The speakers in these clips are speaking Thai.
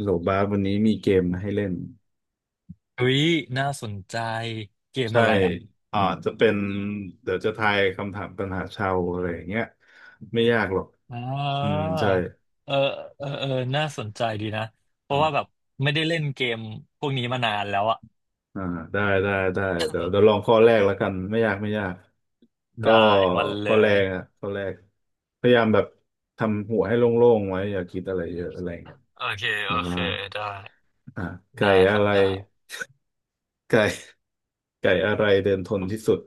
โหลบาสวันนี้มีเกมมาให้เล่นเฮ้ยน่าสนใจเกมใช่อะไรอ่ะอ่าจะเป็นเดี๋ยวจะทายคำถามปัญหาชาวอะไรอย่างเงี้ยไม่ยากหรอกอ่อืมาใช่เออเออเออน่าสนใจดีนะเพราะอ่าว่าแบบไม่ได้เล่นเกมพวกนี้มานานแล้วอ่ะอ่าได้ได้ได้เดี๋ยวเดี๋ยวลองข้อแรกแล้วกันไม่ยากไม่ยากก็ได้มันเลข้อแรยกอะข้อแรกพยายามแบบทำหัวให้โล่งๆไว้อย่าคิดอะไรเยอะอะไรเงี้ยโอเคแบโอบเคว่าได้อ่าไก่ได้คอะรับไรได้ไก่ไก่อะไรเดินทนที่สุด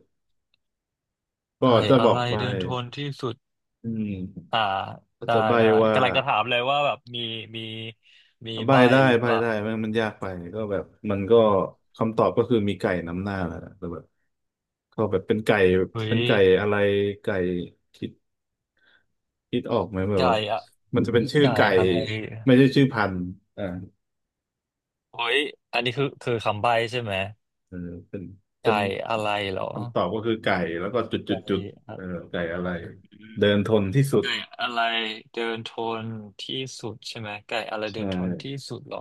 ก็ได้จะบอะอกไรไปเดินทนที่สุดอืม อ่าก็ได้จะใบ้ได้ว่ากำลังจะถามเลยว่าแบบมีมีใบ้ใบ้ได้หรือใบ้เปล่าได้แม่งมันยากไปก็แบบมันก็คำตอบก็คือมีไก่นำหน้าแหละแต่แบบก็แบบเป็นไก่เฮ้เป็ยนไก่อะไรไก่คิดคิดออกไหมแบบไก่ว่าอะมันจะเป็นชื่อไก่ไก่อะไรไม่ใช่ชื่อพันธุ์อ่าเฮ้ยอันนี้คือคำใบ้ใช่ไหมเออเป็นเป็ไก่นอะไรเหรอคำตอบก็คือไก่แล้วก็จุดจุไก่ ดจุดเออไก่อะไรอืมเดินทนที่สุดไก่อะไรเดินทนที่สุดใช่ไหมไก่อะไรเดิใช่นทนที่สุดเหรอ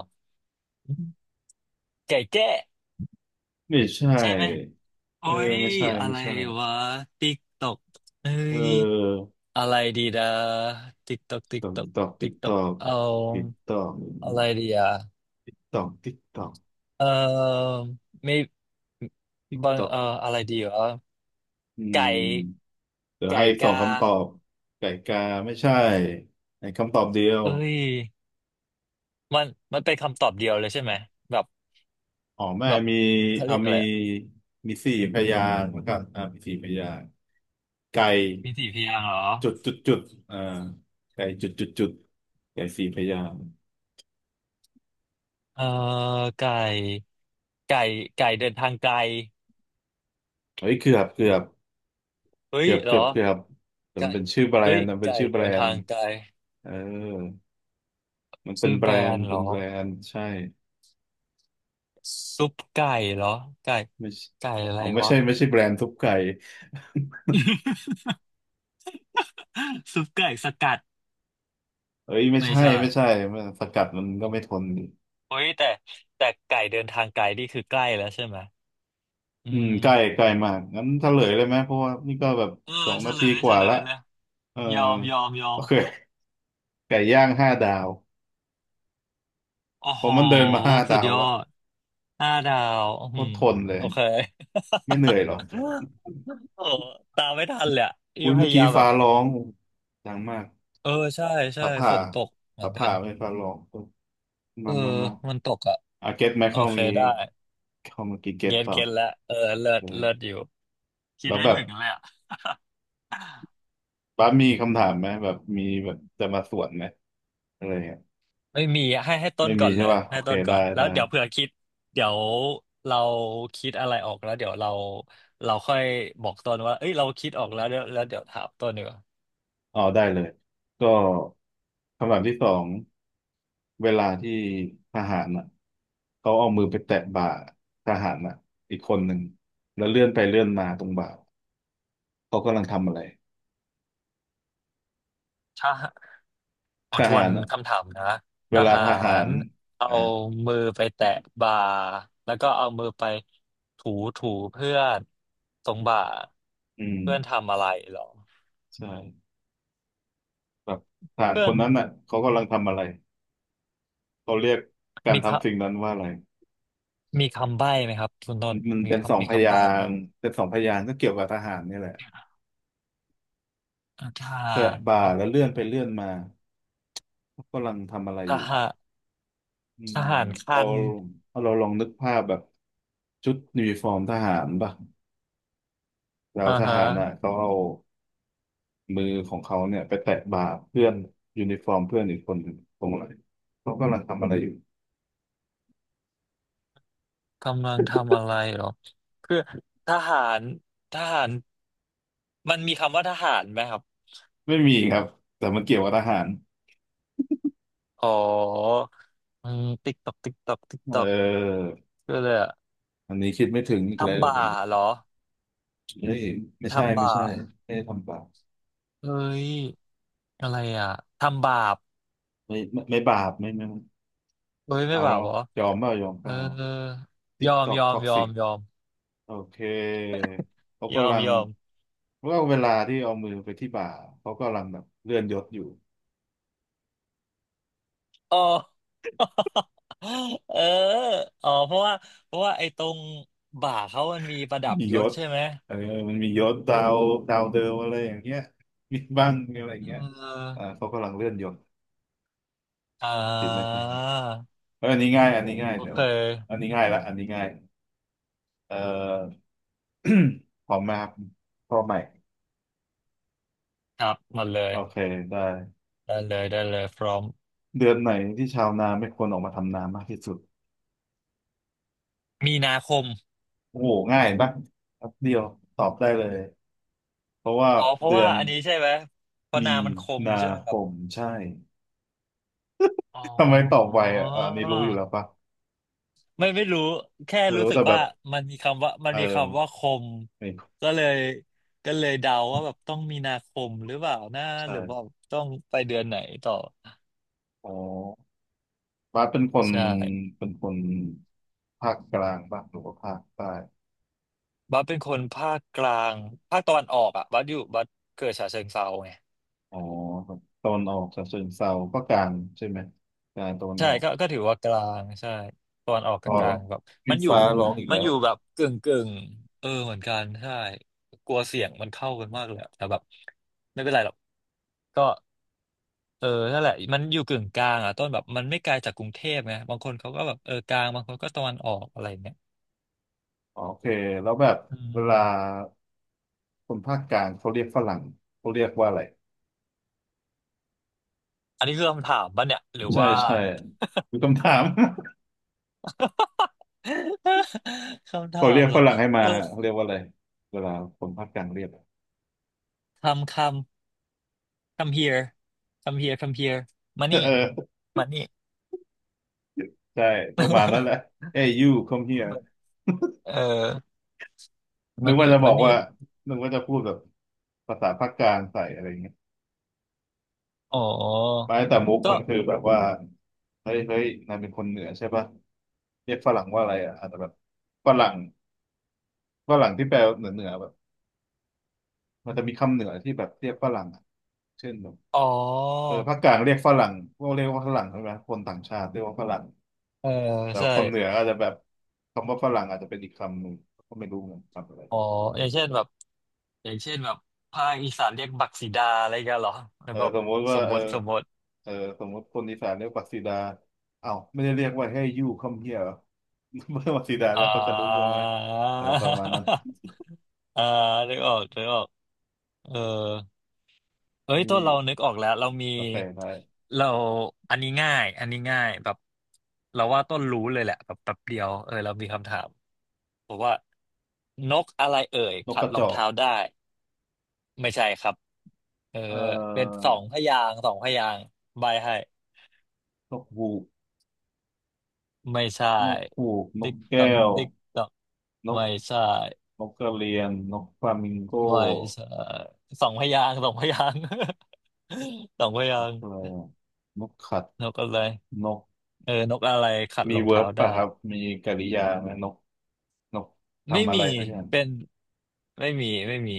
ไก่แจ้ไม่ใช่ใช่ไหมโอ้เออยไม่ใช่อะไม่ไรใช่วะติ๊กตอกเอ้เยออ อะไรดีดาติ๊กตอกติ๊ตกอกตอกตอกติ๊ติ๊กกตตออกกเอาติ๊กตอกอะไรดีอ่ะติ๊กตอกติ๊กตอกเออไม่ติ๊กบาตงอกเอออะไรดีวะอืไก่มเดี๋ยวไก่ให้อีกสองกาคำตอบไก่กาไม่ใช่ในคำตอบเดียวเอ้ยมันมันเป็นคำตอบเดียวเลยใช่ไหมแบบอ๋อแม่แบบมีเขาเอาเรียกอะมีไร มีสี่พยางค์แลับมีสี่พยางค์ไก่มีสี่พยางค์เหรอจุดจุดจุดอ่าไก่จุดจุดจุดไก่สี่พยางค์เอ่อไก่ไก่ไก่เดินทางไกลเฮ้ยเกือบเฮ้ยเหรอเกือบแต่มัไก่นเป็นชื่อแบรเฮ้นยด์มันเป็นไก่ชื่อแบรเดินนทาด์งไกลเออมันเป็ชื่นอแบแบรรนนด์ด์เหรอใช่ ซุปไก่เหรอไก่ไม่ใช่ไก่อะไรอ๋อไม่วะ ใช่ไม่ใช่แบรนด์ทุบไก่ ซุปไก่สกัด เอ้ยไม่ไม่ใช่ใช่ไม่ใช่มันสกัดมันก็ไม่ทนดิเฮ้ยแต่แต่ไก่เดินทางไกลนี่คือใกล้แล้วใช่ไหมอือืมใกมล้ใกล้มากงั้นเฉลยเลยไหมเพราะว่านี่ก็แบบเออสองเฉนาลทียกเฉว่าลละยเลยเออยอมยอมยอโอมเคไก่ย่างห้าดาวโอ้ผโหมมันเดินมาห้าสุดดาวยอละดห้าดาวโคอืตรมทนเลยโอเค ไม่เหนื่อยหรอกโอ้ตามไม่ทันเลยอะอุ้นี่ยพเมื่อยากี้ยามแบฟ้าบร้องดังมากเออใช่ใช่ฟ้าฝผ่านตกเหมืฟ้าอนกัผ่านไม่ใช่ฟ้าร้องเออมามามามันตกอ่ะเก็ตไหมโอเข้าเคเมื่อกี้ได้เข้าเมื่อกี้เก็ตเก็ตเปล่า เก็ตแล้วเออเลิศเลิศอยู่คิดแล้วได้แบบถึงเลยอ่ะป้ามีคำถามไหมแบบมีแบบจะมาสวนไหมอะไรเงี้ยไม่มีให้ให้ต้นไม่มีก่อนเลใช่ยป่ะโอให้เคต้นก่ได้อนแล้วได้เดี๋ยวเผื่อคิดเดี๋ยวเราคิดอะไรออกแล้วเดี๋ยวเราเราค่อยบอกต้นว่าเอ้ยเราคิดออกแล้วเดี๋ยวแล้วเดี๋ยวถามต้นดีกว่าอ๋อได้เลยก็คำถามที่สองเวลาที่ทหารเขาเอามือไปแตะบ่าทหารอีกคนหนึ่งแล้วเลื่อนไปเลื่อนมาตรงบ่าเขากำลังทำอะไรใช่ ขทอทวหานรคำถามนะเวทลาหาทหารรเอาอ่ะมือไปแตะบ่าแล้วก็เอามือไปถูถูเพื่อนตรงบ่าอืมเพื่อนทำอะไรหรอใช่แบบทหารเพื่คอนนนั้นเขากำลังทำอะไรเขาเรียกการมีคทำสิ่งนั้นว่าอะไร มีคำใบ้ไหมครับคุณต้นมันมีเป็นสองมีพคำยาใบ้ไหมงค์เป็นสองพยางค์ก็เกี่ยวกับทหารนี่แหละอ่าทหาแตะรบ่าเนาะแล้วเลื่อนไปเลื่อนมากำลังทำอะไรทอยู่หารอืทมหารเราคันลองนึกภาพแบบชุดยูนิฟอร์มทหารป่ะแล้วอ่าทฮะหารน่ะเขาเอามือของเขาเนี่ยไปแตะบ่าเพื่อนยูนิฟอร์มเพื่อนอีกคนหนึ่งตรงไหนเขากำลังทำอะไรอยู่กำลังทำอะไรหรอคือทหารทหารมันมีคำว่าทหารไหมครับไม่มีครับแต่มันเกี่ยวกับทหารอ๋ออืมติ๊กตอกติ๊กตอกติ๊กเตอก ออคืออะไรอะอันนี้คิดไม่ถึงอีกแล้ทำวผบามปเหรอเฮ้ยไม่ใช่ทำไม่บาใช่ปไม่ได้ทำบาปเอ้ยอะไรอ่ะทำบาปไม่ไม่ไม่บาปไม่ไม่ไม่ เอ้ยไม่เอาเหบารปอเหรอยอมเปล่ายอมเอเปอล่าติ๊ยกอตมอกยอท็มอกยอซิกมยอมโอเคเขายอกำมลังยอมว่าเอาเวลาที่เอามือไปที่บ่าเขากำลังแบบเลื่อนยศอยู่อ๋อ เอออ๋อเพราะว่าไอ้ตรงบ่าเขามันมีประดับมียยศศใช่ไหมเออมันมียศดาวดาวเดิมอะไรอย่างเงี้ยมีบ้างอะไรอย่าเงเงี้ยออเขากำลังเลื่อนยศอ่คิดไหมาเถึเอออันนี้ง่ายอันนี้ง่ายโอเดี๋ยเควอันนี้ง่ายละอันนี้ง่ายเอ่อ พร้อมไหมครับพร้อมไหมครับหมดเลยโอเคได้ได้เลยได้เลยพร้อมเดือนไหนที่ชาวนาไม่ควรออกมาทำนามากที่สุด มีนาคมโอ้โหง่ายปะแป๊บเดียวตอบได้เลยเพราะว่าอ๋อเพราะเดือว่านอันนี้ใช่ไหมเพราะนามีมันคมนาใช่ไหมคครับ มใช่ อ๋ ทำไมตอบอไวอ่ะอะอันนี้รู้อยู่แล้วปะไม่รู้แค่ไม่รู้รู้สึแต่กแบว่าบมันมีคำว่ามันเออมีคำว่าคมไม่ก็เลยก็เลยเดาว่าแบบต้องมีนาคมหรือเปล่านะใช่หรือว่าต้องไปเดือนไหนต่ออ๋อบาสเป็นคนใช่เป็นคนภาคกลางปะหรือว่าภาคใต้บัสเป็นคนภาคกลางภาคตะวันออกอ่ะบัสอยู่บัสเกิดฉะเชิงเทราไงอ๋อแบบตอนออกฉะเชิงเทราก็กลางใช่ไหมกลางตอนใช่ออกก็ก็ถือว่ากลางใช่ตอนออกอ๋กัอบกลางแบบขึ้มันนอยู่ฟ้าร้องอีกมัแล้นอวยู่แบบกึ่งกึ่งเออเหมือนกันใช่กลัวเสียงมันเข้ากันมากเลยอะแต่แบบไม่เป็นไรหรอกก็ เออนั่นแหละมันอยู่กึ่งกลางอ่ะต้นแบบมันไม่ไกลจากกรุงเทพไงบางคนเขาก็แบบเออกลางบางคนก็ตะวันออกอะไรอย่างเงี้ยอ๋อโอเคแล้วแบบอืเวลามคนภาคกลางเขาเรียกฝรั่งเขาเรียกว่าอะไร อันนี้คือคำถามป่ะเนี่ยหรือใช่ว่า ใช่มีคำถาม คำ ถาเขาเรีมยกเหรฝอรั่งให้เอมาอเขาเรียกว่าอะไรเวลาคนภาคกลางเรียก คำคำ come here come here come here มา นี่เออมานี่ ใช่ประมาณนั้นแหละ Hey you come here เออนึมากว่านี่จะบมาอกนี่ว่านึกว่าจะพูดแบบภาษาภาคกลางใส่อะไรอย่างเงี้ยอ๋อไม่แต่มุกก็มันคือแบบว่าเฮ้ยเฮ้ยนายเป็นคนเหนือใช่ปะเรียกฝรั่งว่าอะไรอาจจะแบบฝรั่งฝรั่งที่แปลเหนือเหนือแบบมันจะมีคำเหนือที่แบบเรียกฝรั่งอะเช่นแบบอ๋อเออภาคกลางเรียกฝรั่งพวกเรียกว่าฝรั่งใช่ไหมคนต่างชาติเรียกว่าฝรั่ง เออแต่ใช่คนเหนืออาจจะแบบคำว่าฝรั่งอาจจะเป็นอีกคำหนึ่งก็ไม่รู้เหมือนกันคำอะไรอ๋ออย่างเช่นแบบอย่างเช่นแบบภาคอีสานเรียกบักสีดาอะไรกันเหรอหรือเออแบบสมมติสว่ามมเออติสมมติ เออสมมติคนอีสานเรียกปักสีดาอ้าวไม่ได้เรียกว่าให้ยู่คมเฮียเหรอ เมื่อปักสีดาอ่า แล้วเขาจะรู้เรื่องไหมอะไรประมาณนั้น อ่านึกออกนึกออกเออเอ้ยมีตัวเรานึกออกแล้วเรามีกาแฟไทยเราอันนี้ง่ายอันนี้ง่ายแบบเราว่าต้นรู้เลยแหละแบบแป๊บเดียวเออเรามีคำถามบอกว่านกอะไรเอ่ยนกขักดระรจองอกเท้าได้ไม่ใช่ครับเออเอ่เป็นอ สองพยางค์สองพยางค์ใบให้นกฮูกไม่ใช่นกฮูกนกติ๊กตอแก้กวติ๊กตอกนกไม่ใช่ นกกระเรียนนกฟลามิงโก้ไม่ใช่สองพยางค์สองพยางค์ สองพยานกงค์อะไรอะนกขัดนกอะไรนกเออนกอะไรขัดมีรองเวิเท้าร์บได้ป่ะครับมีกริยาไหมนก นกไม่ทำอะมีไรสักอย่างเป็นไม่มี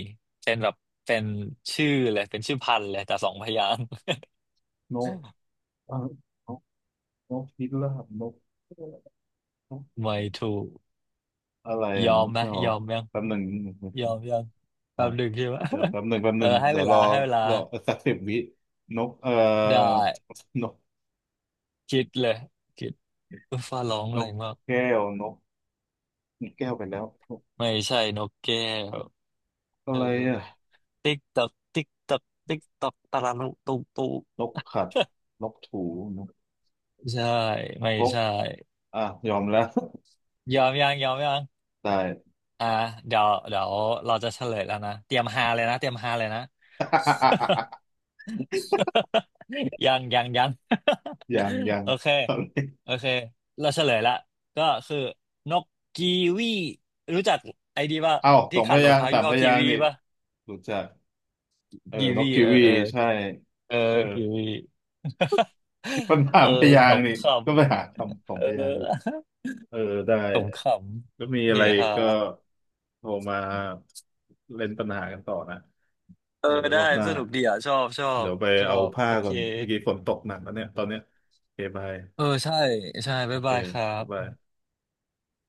เป็นแบบเป็นชื่อเลยเป็นชื่อพันธุ์เลยแต่สองพยางค์ นก เออนกนกพิราบนกนกไม่ถูกอะไรยอนมกไหมไม่ออยอกมยังแป๊บหนึ่งยอมยังอ่ะแป๊บหนึ่งใช่ไหม เดี๋ยวแป๊บหนึ่งแป๊บ หเออนึ่งให้เดี๋ยเววรลาอให้เวลารอสักสิบวินกได้นกคิดเลยคิดฟ้าร้องนอะไรกมากแก้วนกนกแก้วไปแล้วนกไม่ใช่นกแก้วอะเออ ไรอ่ะติ๊กตักติ๊กตักติ๊กตักตะลัุตุตุนกขัดนกถูนกใช่ไม่พกใช่ยอมแล้ว ยอมยังยอมยังได้ อ่ะเดี๋ยวเดี๋ยวเราจะเฉลยแล้วนะเตรียมฮาเลยนะเตรียมฮาเลยนะ ยังยังยัง ยัง ยังโอเคโอเคเราเฉลยละก็คือนกกีวีรู้จักไอ้ดีป่ะเอ้าสที่องพขัดรอยางงเท้าค์สายี่มห้พอกียางค์วีนี่ป่ะรู้จัก เออกีนวีกกิเออวีเออใช่เออเออ กีวี ปัญ หาเออมพยาขงค์นี่ก็ไปำหาคำขอๆเองพยางค์อยู่อ เออได้ ขำขก็มีำเฮอะไรฮาก็โทรมาเล่นปัญหากันต่อนะเออเออรได้อบหน้า สนุกดีอ่ะชอบชอบเดี๋ยวไปชอเอาบผ้าโอเคก่อนเมื่อกี้ฝนตกหนักแล้วเนี่ยตอนเนี้ยโอเคบาย เออใช่ใช่โอบ๊ายเคบายครับ๊าบยบาย